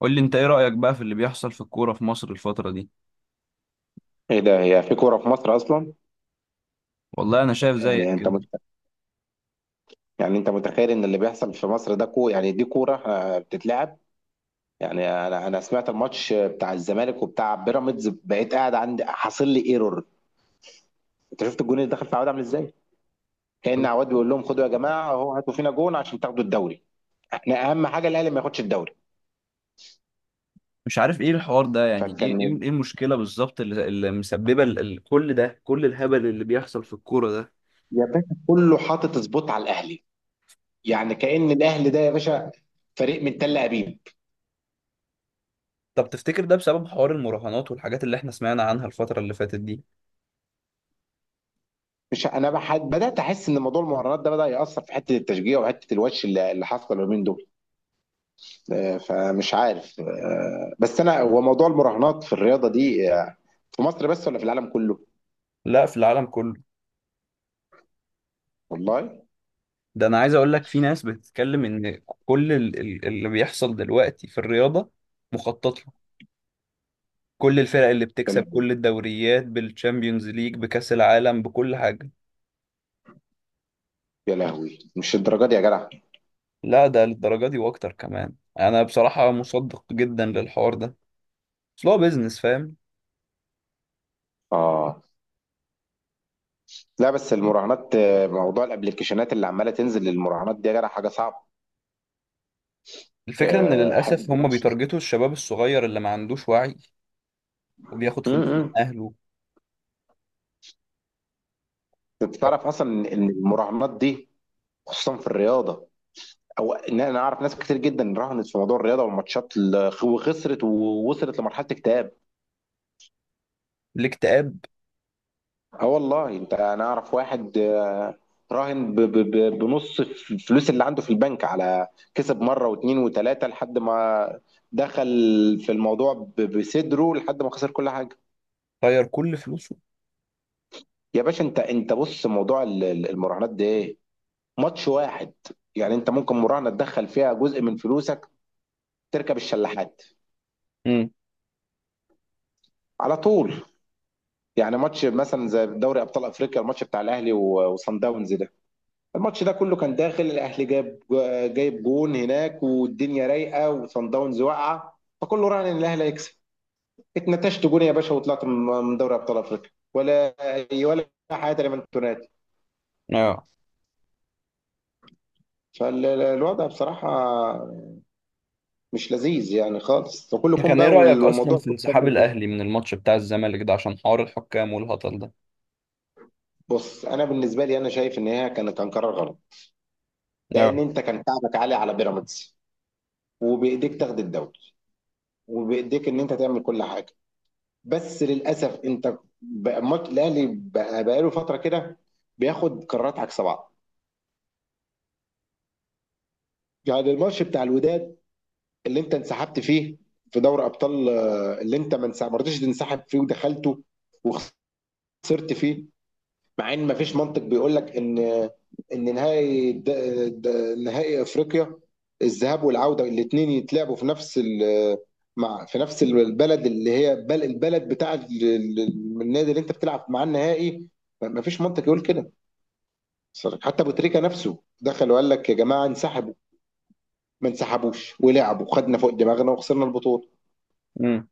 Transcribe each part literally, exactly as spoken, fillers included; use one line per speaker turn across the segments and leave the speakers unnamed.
قول لي انت ايه رأيك بقى في اللي بيحصل في الكورة في مصر الفترة دي؟
ايه ده؟ هي في كوره في مصر اصلا؟
والله انا شايف زيك
يعني انت
كده.
مت... يعني انت متخيل ان اللي بيحصل في مصر ده كو، يعني دي كوره، آه، بتتلعب؟ يعني انا انا سمعت الماتش بتاع الزمالك وبتاع بيراميدز، بقيت قاعد عندي حاصل لي ايرور. انت شفت الجون اللي دخل في عواد عامل ازاي؟ كأن عواد بيقول لهم خدوا يا جماعه اهو، هاتوا فينا جون عشان تاخدوا الدوري. احنا اهم حاجه الاهلي ما ياخدش الدوري.
مش عارف ايه الحوار ده. يعني ايه
فكان،
ايه إيه المشكلة بالظبط اللي, اللي مسببة ال- ال- كل ده كل الهبل اللي بيحصل في الكورة ده؟
يا باشا كله حاطط سبوت على الاهلي. يعني كأن الاهلي ده يا باشا فريق من تل ابيب.
طب تفتكر ده بسبب حوار المراهنات والحاجات اللي احنا سمعنا عنها الفترة اللي فاتت دي؟
مش انا بحد، بدات احس ان موضوع المهارات ده بدا ياثر في حته التشجيع وحته الوش اللي اللي حاصله اليومين دول. آه، فمش عارف. آه، بس انا، هو موضوع المراهنات في الرياضه دي آه، في مصر بس ولا في العالم كله؟
لا، في العالم كله.
والله.
ده انا عايز اقول لك في ناس بتتكلم ان كل ال- ال- اللي بيحصل دلوقتي في الرياضة مخطط له. كل الفرق اللي
يا
بتكسب
لهوي،
كل الدوريات بالتشامبيونز ليج بكأس العالم بكل حاجة.
يا لهوي، مش الدرجه دي يا جدع.
لا، ده للدرجة دي واكتر كمان. انا بصراحة مصدق جدا للحوار ده. اصل هو بيزنس، فاهم.
اه، لا بس المراهنات، آه، موضوع الابلكيشنات اللي عماله تنزل للمراهنات دي يا جدع حاجه صعبه.
الفكرة ان
آه، حاجه
للأسف هم
وحشه.
بيتارجتوا الشباب الصغير اللي ما عندوش وعي وبياخد
م-
فلوس من
م.
اهله.
انت تعرف اصلا ان المراهنات دي، خصوصا في الرياضه، او ان انا اعرف ناس كتير جدا راهنت في موضوع الرياضه والماتشات ال- وخسرت ووصلت لمرحله اكتئاب.
الاكتئاب.
اه والله، انت، انا اعرف واحد آه، راهن ب- ب- ب- بنص الفلوس اللي عنده في البنك، على كسب مره واثنين وثلاثه، لحد ما دخل في الموضوع ب- بصدره، لحد ما خسر كل حاجه.
طير كل فلوسه.
يا باشا، انت انت بص، موضوع ال- ال- المراهنات ده ايه؟ ماتش واحد، يعني انت ممكن مراهنه تدخل فيها جزء من فلوسك، تركب الشلاحات
امم.
على طول. يعني ماتش مثلا زي دوري ابطال افريقيا، الماتش بتاع الاهلي و- وصن داونز ده. الماتش ده كله كان داخل الاهلي جايب جو- جايب جون هناك والدنيا رايقه وصن داونز واقعه، فكله راهن ان الاهلي هيكسب. اتنتشت جون يا باشا، وطلعت من من دوري ابطال افريقيا، ولا ولا حاجه لمن تنادي.
اه.
فالوضع بصراحه مش لذيذ يعني خالص،
انت
وكلكم
كان ايه
بقى، وال-
رأيك اصلا
وموضوع
في
الحكام
انسحاب
ده كله.
الاهلي من الماتش بتاع الزمالك ده عشان حوار الحكام والهطل ده؟
بص انا بالنسبه لي، انا شايف ان هي كان، كان قرار غلط.
اه.
لان انت كان تعبك عالي على بيراميدز، وبايديك تاخد الدوري، وبايديك ان انت تعمل كل حاجه. بس للاسف انت بقى، ماتش الاهلي بقى بقاله فتره كده بياخد قرارات عكس بعض. يعني الماتش بتاع الوداد اللي انت انسحبت فيه في دوري ابطال، آه، اللي انت ما انسحب- ما رضيتش تنسحب فيه ودخلته وخسرت فيه. مع ان مفيش منطق بيقول لك ان، ان نهائي د... د... نهائي افريقيا، الذهاب والعوده الاثنين يتلعبوا في نفس ال... مع في نفس البلد اللي هي بل... البلد بتاع ال... ال- النادي اللي انت بتلعب معاه النهائي. ما فيش منطق يقول كده صراحة. حتى ابو تريكه نفسه دخل وقال لك يا جماعه انسحبوا، ما انسحبوش ولعبوا، خدنا فوق دماغنا وخسرنا البطوله.
امم.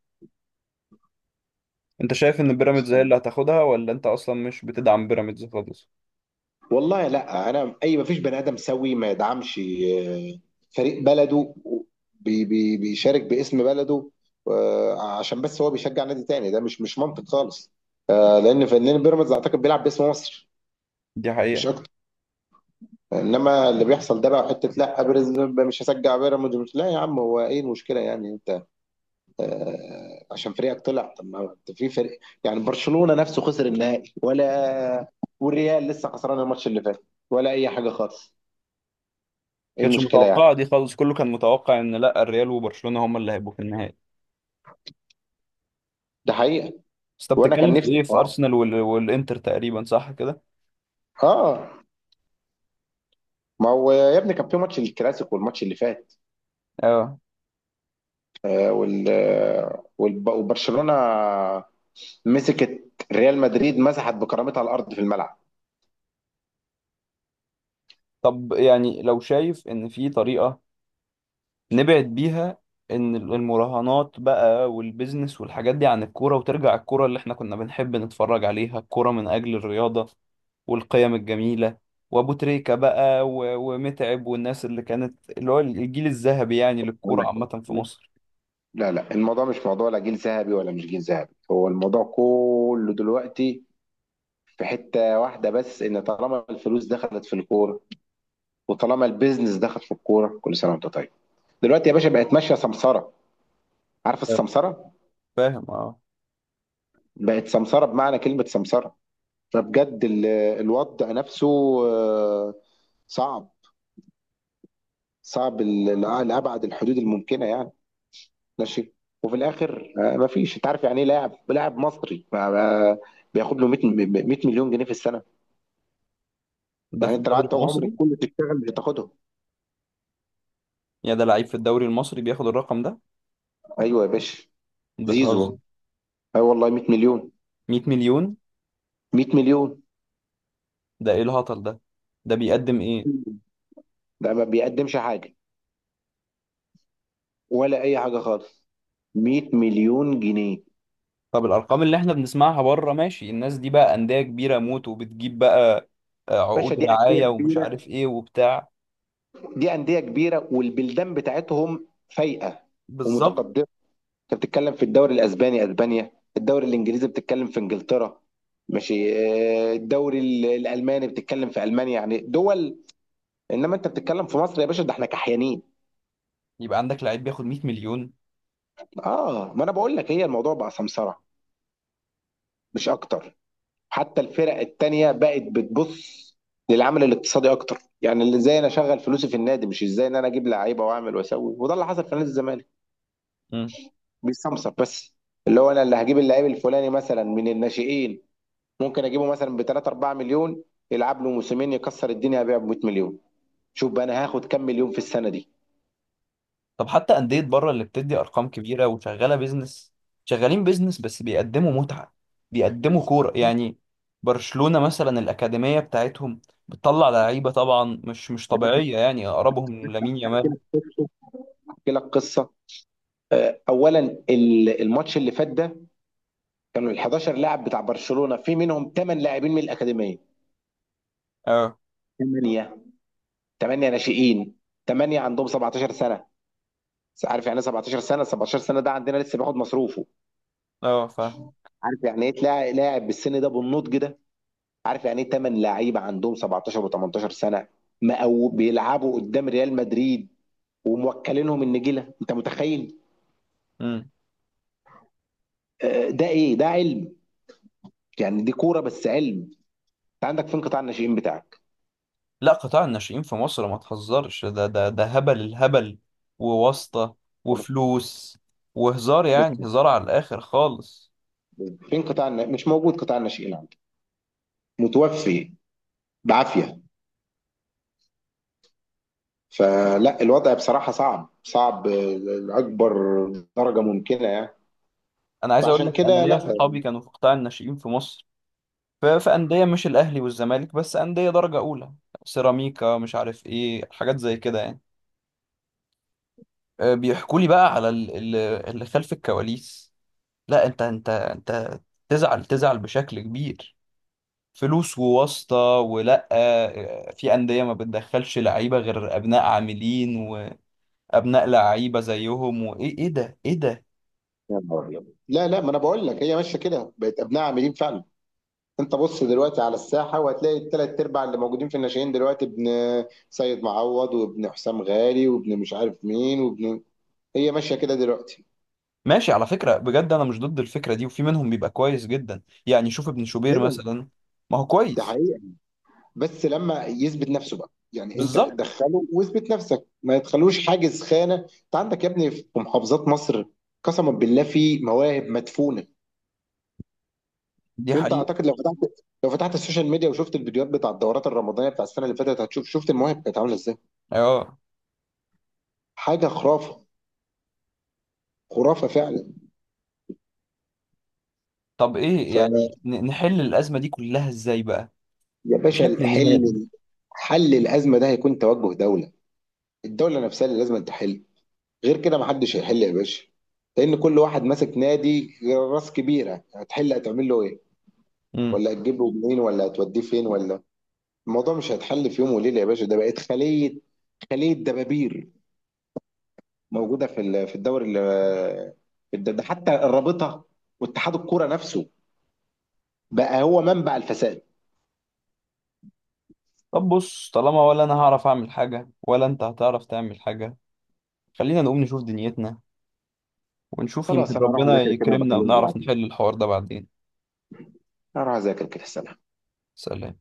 انت شايف ان بيراميدز هي اللي هتاخدها ولا انت اصلا مش بتدعم بيراميدز خالص؟
والله لا، انا اي ما فيش بني ادم سوي ما يدعمش آه، فريق بلده. بي بي بيشارك باسم بلده آه، عشان بس هو بيشجع نادي تاني، ده مش مش منطق خالص. آه، لان لان بيراميدز اعتقد بيلعب باسم مصر،
دي
مش
حقيقة.
اكتر. انما اللي بيحصل ده بقى حته، لا بيراميدز، مش هشجع بيراميدز مش، لا يا عم، هو ايه المشكله يعني؟ انت آه، عشان فريقك طلع، طب ما انت في فريق، يعني برشلونه نفسه خسر النهائي، ولا والريال لسه خسران الماتش اللي فات، ولا اي حاجه خالص. ايه
كانتش
المشكله
متوقعة
يعني؟
دي خالص. كله كان متوقع ان لا الريال وبرشلونة هما اللي هيبقوا في النهائي.
ده حقيقه.
بس انت
وانا كان
بتتكلم في
نفسي
ايه، في
بصراحه.
ارسنال وال... والانتر تقريبا، صح كده؟
اه، ما هو يا ابني كان في ماتش الكلاسيكو والماتش اللي فات،
اه.
آه وال آه، والب- وبرشلونه مسكت، ريال مدريد مسحت بكرامتها الارض في الملعب.
طب يعني لو شايف ان في طريقة نبعد بيها ان المراهنات بقى والبيزنس والحاجات دي عن الكورة، وترجع الكورة اللي احنا كنا بنحب نتفرج عليها، الكورة من اجل الرياضة والقيم الجميلة، وابو تريكة بقى و... ومتعب والناس اللي كانت اللي هو الجيل الذهبي يعني
أقول
للكورة
لك،
عامة في
مش-
مصر.
لا لا، الموضوع مش موضوع لا جيل ذهبي ولا مش جيل ذهبي. هو الموضوع كله دلوقتي في حته واحده بس، ان طالما الفلوس دخلت في الكوره، وطالما البيزنس دخل في الكوره، كل سنه وانت طيب. دلوقتي يا باشا بقت ماشيه سمسره، عارف
اه.
السمسره؟
فاهم اه.
بقت سمسرة بمعنى كلمة سمسرة. فبجد ال- الوضع نفسه آه، صعب، صعب ل- لأبعد الحدود الممكنة يعني. ماشي. وفي الآخر، آه، مفيش، أنت عارف يعني إيه؟ لاعب لاعب مصري ما- ما- بياخد له مية م- 100 مليون جنيه في السنة.
ده في
يعني أنت لو
الدوري
قعدت عمرك
المصري؟
كله تشتغل مش هتاخدهم.
يا ده، لعيب في الدوري المصري بياخد الرقم ده؟
أيوه يا باشا.
بتهزر.
زيزو، أي والله 100 مليون.
مية مليون؟
100 مليون؟
ده ايه الهطل ده؟ ده بيقدم ايه؟
ده ما بيقدمش حاجة، ولا أي حاجة خالص. 100 مليون جنيه.
طب الارقام اللي احنا بنسمعها بره ماشي، الناس دي بقى انديه كبيره موت وبتجيب بقى آه،
باشا
عقود
دي أندية،
رعايه ومش عارف ايه وبتاع.
دي انديه كبيره والبلدان بتاعتهم فايقه
بالظبط.
ومتقدمه. انت بتتكلم في الدوري الاسباني، اسبانيا. الدوري الانجليزي بتتكلم في انجلترا. ماشي. آه، الدوري ال- الالماني بتتكلم في المانيا. يعني دول. انما انت بتتكلم في مصر يا باشا، ده احنا كحيانين.
يبقى عندك لعيب بياخد مائة مليون؟
اه، ما انا بقول لك، هي الموضوع بقى سمسره، مش اكتر. حتى الفرق التانيه بقت بتبص للعمل الاقتصادي اكتر، يعني اللي ازاي انا اشغل فلوسي في النادي، مش ازاي ان انا اجيب لعيبه واعمل واسوي. وده اللي حصل في نادي الزمالك،
مم.
بيستمسك بس اللي هو انا اللي هجيب اللعيب الفلاني مثلا من الناشئين، ممكن اجيبه مثلا ب ثلاثة 4 مليون، يلعب له موسمين يكسر الدنيا، ابيعه ب 100 مليون. شوف بقى انا هاخد كام مليون في السنه دي.
طب حتى انديه بره اللي بتدي ارقام كبيره وشغاله بيزنس، شغالين بيزنس بس بيقدموا متعه، بيقدموا كوره يعني. برشلونه مثلا الاكاديميه بتاعتهم بتطلع لعيبه طبعا مش مش طبيعيه، يعني اقربهم لامين يامال.
احكي لك قصه. آه، اولا ال- الماتش اللي فات ده، كانوا ال 11 لاعب بتاع برشلونه، في منهم 8 لاعبين من الاكاديميه.
اه.
تمانية، 8 ناشئين، تمانية عندهم سبعتاشر سنة سنه. عارف يعني ايه سبعتاشر سنة سنه؟ سبعتاشر سنة سنه ده عندنا لسه بياخد مصروفه.
اه، فاهم.
عارف يعني ايه تلاقي لاعب بالسن ده، بالنضج ده؟ عارف يعني ايه تمن لعيبة لعيبه عندهم سبعتاشر و18 سنه، مقو بيلعبوا قدام ريال مدريد وموكلينهم النجيله؟ انت متخيل؟ آه، ده ايه؟ ده علم. يعني دي كوره بس علم. انت عندك فين قطاع الناشئين بتاعك؟
لا، قطاع الناشئين في مصر ما تهزرش، ده ده ده هبل الهبل. وواسطة. وفلوس. وهزار،
بس
يعني هزار على الآخر خالص.
فين قطاع النا- مش موجود قطاع الناشئين عندك، متوفي بعافيه. فلا الوضع بصراحه صعب، صعب آه، لاكبر درجه ممكنه يعني.
أنا عايز أقول
فعشان
لك أنا
كده
ليا
لا.
صحابي كانوا في قطاع الناشئين في مصر. ف- في أندية مش الأهلي والزمالك بس، أندية درجة أولى، سيراميكا مش عارف إيه، حاجات زي كده يعني. أه، بيحكوا لي بقى على ال- ال- اللي خلف الكواليس. لا، أنت أنت أنت تزعل، تزعل بشكل كبير. فلوس وواسطة، ولا آه، في أندية ما بتدخلش لعيبة غير أبناء عاملين وأبناء لعيبة زيهم. وإيه إيه إيه ده إيه ده.
يا نهار أبيض، لا لا، ما انا بقول لك هي ماشيه كده بقت ابناء عاملين فعلا. انت بص دلوقتي على الساحه، وهتلاقي الثلاث ارباع اللي موجودين في الناشئين دلوقتي ابن سيد معوض، وابن حسام غالي، وابن مش عارف مين، وابن. هي ماشيه كده دلوقتي.
ماشي، على فكرة بجد أنا مش ضد الفكرة دي، وفي منهم بيبقى كويس جدا يعني. شوف ابن شوبير
ايوه،
مثلا. ما هو
ده
كويس.
حقيقة. بس لما يثبت نفسه بقى، يعني انت
بالظبط.
دخله واثبت نفسك، ما تخلوش حاجز خانه. انت عندك يا ابني في محافظات مصر قسما بالله في مواهب مدفونه.
دي
وانت
حقيقة.
اعتقد لو فتحت لو فتحت السوشيال ميديا وشفت الفيديوهات بتاع الدورات الرمضانيه بتاع السنه اللي فاتت، هتشوف، شفت المواهب كانت عامله ازاي.
اه.
حاجه خرافه، خرافه فعلا.
طب إيه يعني، ن- نحل الأزمة دي كلها إزاي بقى؟
يا باشا،
بشكل نهائي.
حل. حل الازمه ده هيكون توجه دوله، الدوله نفسها اللي لازم تحل. غير كده محدش هيحل يا باشا، لان كل واحد ماسك نادي، راس كبيره، هتحل هتعمل له ايه؟
مم.
ولا هتجيب له منين؟ ولا هتوديه فين؟ ولا الموضوع مش هيتحل في يوم وليله يا باشا. ده بقت خليه، خليه دبابير موجوده في ال- في الدوري ال- في الد- ده حتى الرابطه واتحاد الكوره نفسه بقى هو منبع الفساد.
طب بص، طالما ولا أنا هعرف أعمل حاجة ولا أنت هتعرف تعمل حاجة، خلينا نقوم نشوف دنيتنا، ونشوف يمكن
خلاص انا اروح
ربنا
اذاكر كده،
يكرمنا
وبكلمك
ونعرف
بعدين.
نحل الحوار ده بعدين.
اروح اذاكر كده، سلام.
سلام.